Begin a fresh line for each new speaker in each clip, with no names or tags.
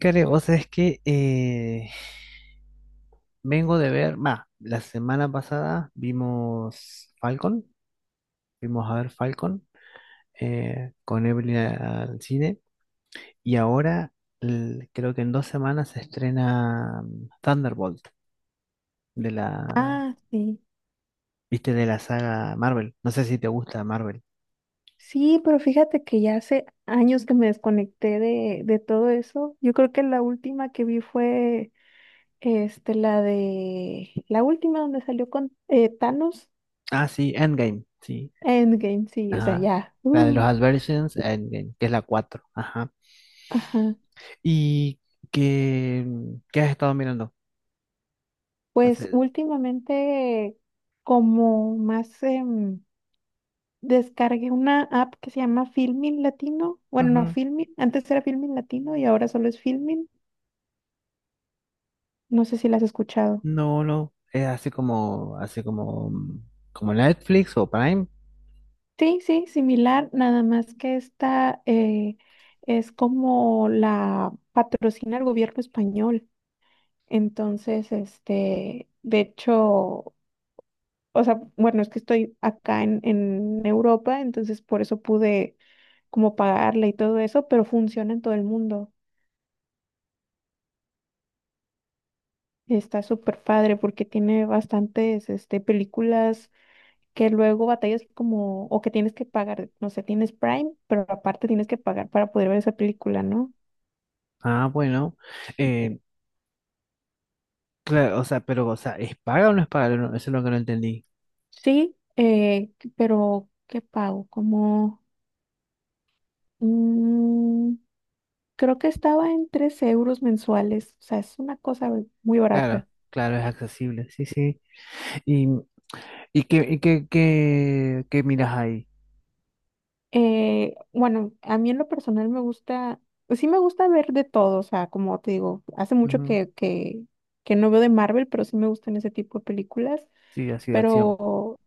Care, vos sabés que vengo de ver, va, la semana pasada vimos Falcon, vimos a ver Falcon con Evelyn al cine y ahora creo que en 2 semanas se estrena Thunderbolt de la,
Ah, sí.
viste, de la saga Marvel. No sé si te gusta Marvel.
Sí, pero fíjate que ya hace años que me desconecté de todo eso. Yo creo que la última que vi fue la de la última donde salió con Thanos.
Ah, sí, Endgame, sí,
Endgame, sí, o sea,
ajá.
ya.
La de los Adversions, Endgame, que es la 4, ajá.
Ajá.
¿Y qué, qué has estado mirando? No
Pues
sé.
últimamente como más, descargué una app que se llama Filmin Latino. Bueno, no, Filmin, antes era Filmin Latino y ahora solo es Filmin. No sé si la has escuchado.
No, no, es así como, como Netflix o Prime.
Sí, sí, similar, nada más que esta, es como la patrocina el gobierno español. Entonces, de hecho, o sea, bueno, es que estoy acá en Europa, entonces por eso pude como pagarla y todo eso, pero funciona en todo el mundo. Está súper padre porque tiene bastantes películas que luego batallas como, o que tienes que pagar, no sé, tienes Prime, pero aparte tienes que pagar para poder ver esa película, ¿no?
Ah, bueno. Eh, claro, o sea, pero, o sea, ¿es paga o no es paga? No, eso es lo que no entendí.
Sí, pero ¿qué pago? Como, mm, creo que estaba en 3 euros mensuales, o sea, es una cosa muy
Claro,
barata.
claro, es accesible, sí, sí. ¿Y, qué miras ahí?
Bueno, a mí en lo personal me gusta, pues sí me gusta ver de todo, o sea, como te digo, hace mucho
Ujú.
que no veo de Marvel, pero sí me gustan ese tipo de películas.
Sí, así de acción.
pero,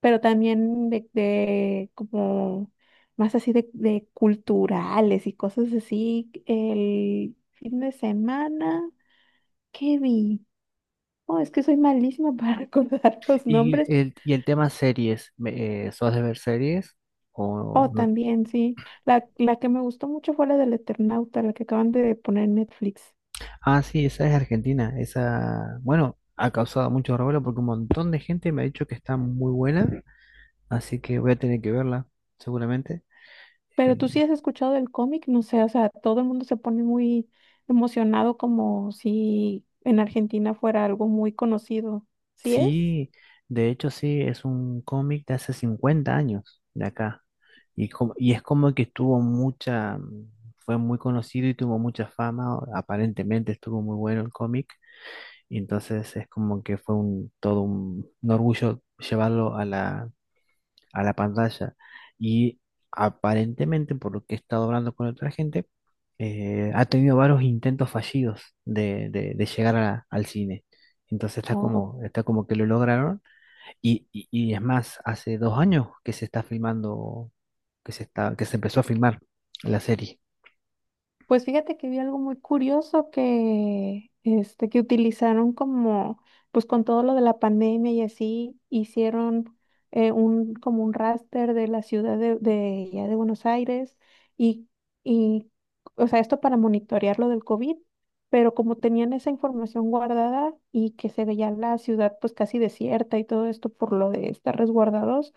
pero también de como más así de culturales y cosas así. El fin de semana, ¿qué vi? Oh, es que soy malísima para recordar los nombres.
Y el tema series? ¿Sos de ver series?
Oh,
¿O no?
también, sí. La que me gustó mucho fue la del Eternauta, la que acaban de poner en Netflix.
Ah, sí, esa es Argentina. Esa, bueno, ha causado mucho revuelo porque un montón de gente me ha dicho que está muy buena. Así que voy a tener que verla, seguramente.
Pero
Eh,
tú sí has escuchado del cómic, no sé, o sea, todo el mundo se pone muy emocionado como si en Argentina fuera algo muy conocido. ¿Sí es?
sí, de hecho sí, es un cómic de hace 50 años de acá. Y, y es como que tuvo fue muy conocido y tuvo mucha fama. O Aparentemente estuvo muy bueno el cómic. Y entonces es como que todo un orgullo llevarlo a la pantalla. Y aparentemente, por lo que he estado hablando con otra gente, ha tenido varios intentos fallidos de, de llegar al cine. Entonces
Oh,
está como que lo lograron. Y, y es más, hace 2 años que se está filmando, que se está, que se empezó a filmar la serie.
pues fíjate que vi algo muy curioso que utilizaron como, pues con todo lo de la pandemia y así, hicieron como un raster de la ciudad ya de Buenos Aires y, y, o sea, esto para monitorear lo del COVID, pero como tenían esa información guardada y que se veía la ciudad pues casi desierta y todo esto por lo de estar resguardados,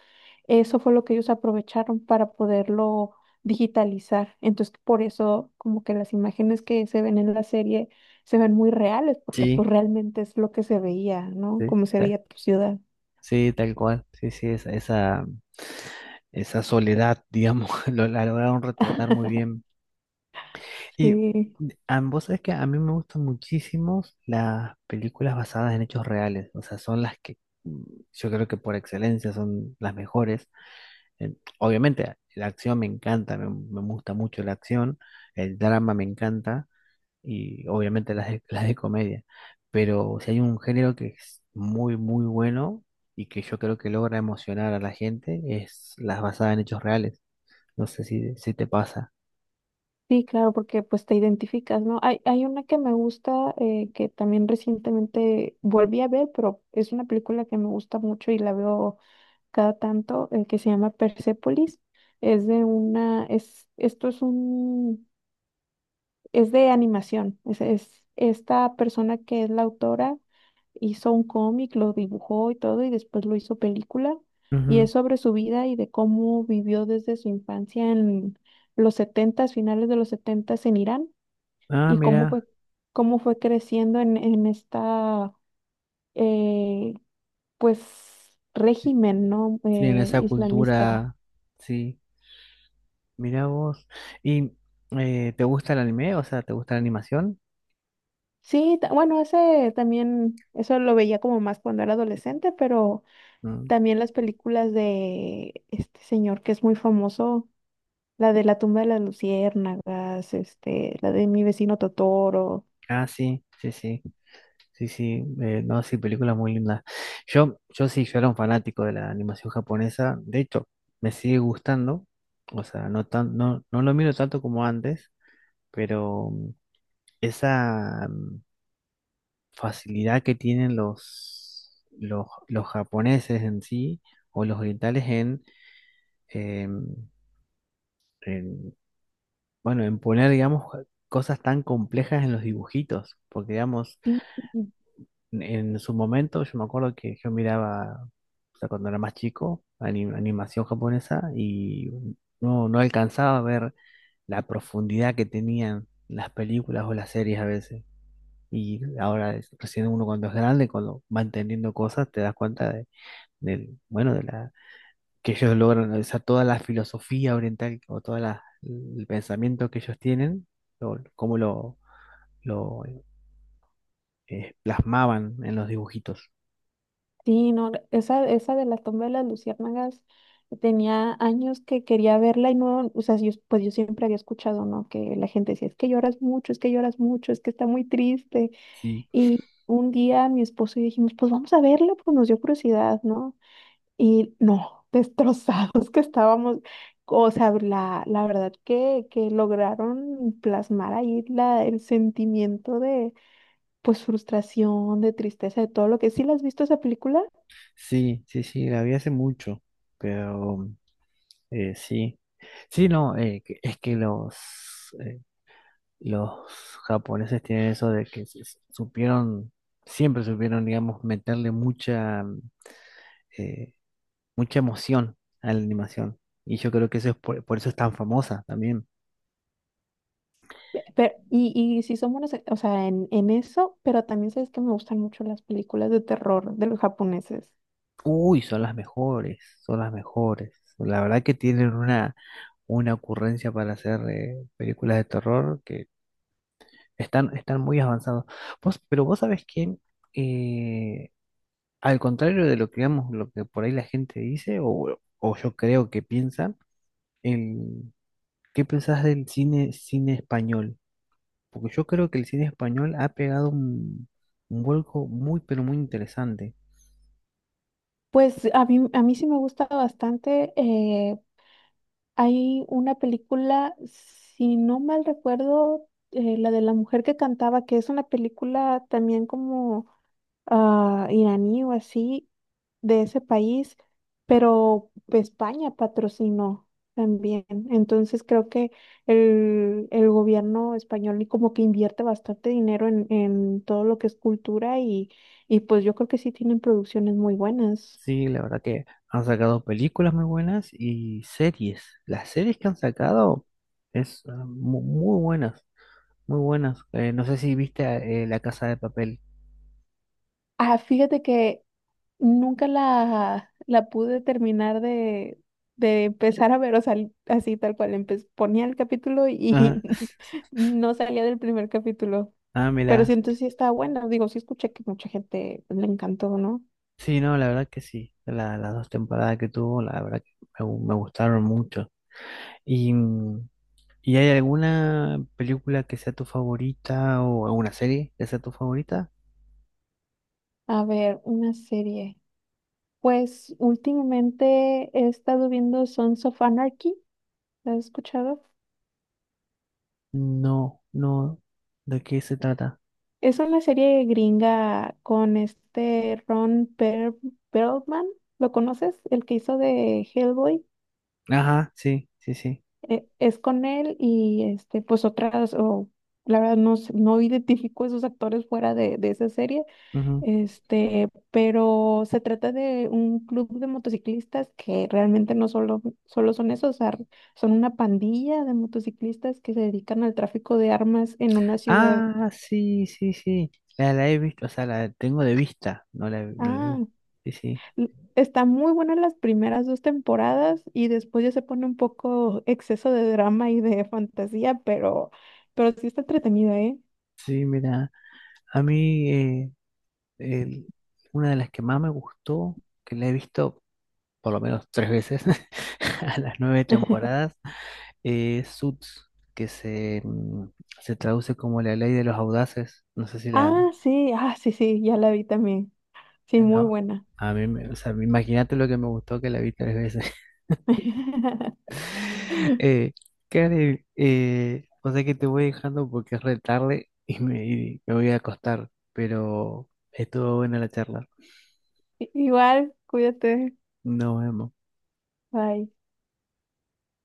eso fue lo que ellos aprovecharon para poderlo digitalizar. Entonces, por eso como que las imágenes que se ven en la serie se ven muy reales, porque
Sí,
pues realmente es lo que se veía, ¿no?
sí,
Como se veía tu ciudad.
sí, tal cual. Sí, sí, esa soledad, digamos, lo, la lograron retratar muy bien. Y
Sí,
ambos, es que a mí me gustan muchísimo las películas basadas en hechos reales, o sea, son las que mm, yo creo que por excelencia son las mejores. Eh, Obviamente la acción me encanta, me gusta mucho la acción, el drama me encanta y obviamente las de, las de comedia, pero si hay un género que es muy, muy bueno y que yo creo que logra emocionar a la gente, es las basadas en hechos reales. No sé si, si te pasa.
sí, claro, porque pues te identificas, ¿no? Hay una que me gusta, que también recientemente volví a ver, pero es una película que me gusta mucho y la veo cada tanto, que se llama Persepolis. Es de una, es, esto es un es de animación. Esta persona que es la autora hizo un cómic, lo dibujó y todo, y después lo hizo película. Y
Ujú.
es sobre su vida y de cómo vivió desde su infancia en los 70, finales de los 70 en Irán,
Ah,
y cómo
mira.
fue, cómo fue creciendo en esta eh, pues régimen, ¿no?
Sí, en esa
Islamista.
cultura, sí. Mira vos. ¿Y te gusta el anime? O sea, ¿te gusta la animación?
Sí, bueno, ese también, eso lo veía como más cuando era adolescente, pero
Mm.
también las películas de este señor que es muy famoso, la de La tumba de las luciérnagas, la de Mi vecino Totoro.
Ah, sí, sí, sí. Sí, sí. No, sí, películas muy lindas. Yo sí, yo era un fanático de la animación japonesa. De hecho, me sigue gustando. O sea, no tan, no, no lo miro tanto como antes, pero esa facilidad que tienen los japoneses en sí, o los orientales en em, en bueno, en poner, digamos, cosas tan complejas en los dibujitos, porque, digamos,
Sí, sí,
en su momento yo me acuerdo que yo miraba, o sea, cuando era más chico, animación japonesa y no, no alcanzaba a ver la profundidad que tenían las películas o las series a veces. Y ahora, recién uno cuando es grande, cuando va entendiendo cosas, te das cuenta de, del, bueno, de la, que ellos logran, o sea, toda la filosofía oriental o todo el pensamiento que ellos tienen, o cómo lo lo plasmaban en los dibujitos.
sí, no, esa de La tumba de las luciérnagas tenía años que quería verla y no, o sea, yo, pues yo siempre había escuchado, ¿no? Que la gente decía, es que lloras mucho, es que lloras mucho, es que está muy triste.
Sí,
Y un día mi esposo y yo dijimos, pues vamos a verla, pues nos dio curiosidad, ¿no? Y no, destrozados que estábamos. O sea, la verdad que lograron plasmar ahí el sentimiento de, pues, frustración, de tristeza, de todo lo que... ¿Sí la has visto esa película?
sí, sí, sí, la vi hace mucho, pero sí. Sí, no, es que los, eh, los japoneses tienen eso de que supieron, siempre supieron, digamos, meterle mucha, eh, mucha emoción a la animación. Y yo creo que eso es por eso es tan famosa también.
Pero, sí son buenas, o sea, en eso, pero también sabes que me gustan mucho las películas de terror de los japoneses.
Uy, son las mejores, son las mejores. La verdad que tienen una ocurrencia para hacer películas de terror que están, están muy avanzados. Pero vos sabés que eh, al contrario de lo que digamos, lo que por ahí la gente dice, o yo creo que piensa, el, ¿qué pensás del cine, cine español? Porque yo creo que el cine español ha pegado un vuelco muy, pero muy interesante.
Pues a mí sí me gusta bastante. Hay una película, si no mal recuerdo, la de la mujer que cantaba, que es una película también como iraní o así, de ese país, pero España patrocinó también. Entonces creo que el gobierno español y como que invierte bastante dinero en todo lo que es cultura y pues yo creo que sí tienen producciones muy buenas.
Sí, la verdad que han sacado películas muy buenas y series. Las series que han sacado es ah, mu- muy buenas, muy buenas. No sé si viste La Casa de Papel.
Ah, fíjate que nunca la pude terminar de empezar a ver, o sea, así tal cual. Ponía el capítulo
Ah,
y no salía del primer capítulo.
ah,
Pero
mira.
siento sí está buena. Digo, sí escuché que mucha gente le encantó, ¿no?
Sí, no, la verdad que sí. Las dos temporadas que tuvo, la verdad que me gustaron mucho. Y, ¿y hay alguna película que sea tu favorita o alguna serie que sea tu favorita?
A ver, una serie. Pues últimamente he estado viendo Sons of Anarchy. ¿La has escuchado?
No, no. ¿De qué se trata?
Es una serie gringa con Ron Perlman. ¿Lo conoces? El que hizo de Hellboy.
Ajá, sí, sí, sí.
Es con él y este, pues otras, o la verdad no, no identifico esos actores fuera de esa serie, pero se trata de un club de motociclistas que realmente no solo son esos, o sea, son una pandilla de motociclistas que se dedican al tráfico de armas en una ciudad.
Ah, sí, sí, sí. La he visto, o sea, la tengo de vista, no la, no la he
Ah,
visto. Sí, sí.
está muy buena las primeras dos temporadas y después ya se pone un poco exceso de drama y de fantasía, pero sí está entretenida, ¿eh?
Sí, mira, a mí el- una de las que más me gustó, que la he visto por lo menos tres veces, a las 9 temporadas, es Suits, que se, se traduce como la ley de los audaces. No sé si la...
Ah, sí, ah, sí, sí, ya la vi también. Sí, muy
No,
buena.
a mí, o sea, imagínate lo que me gustó que la vi tres veces. Eh, Karen, o sea que te voy dejando porque es re tarde y me voy a acostar, pero estuvo buena la charla.
Igual, cuídate.
Nos vemos.
Bye.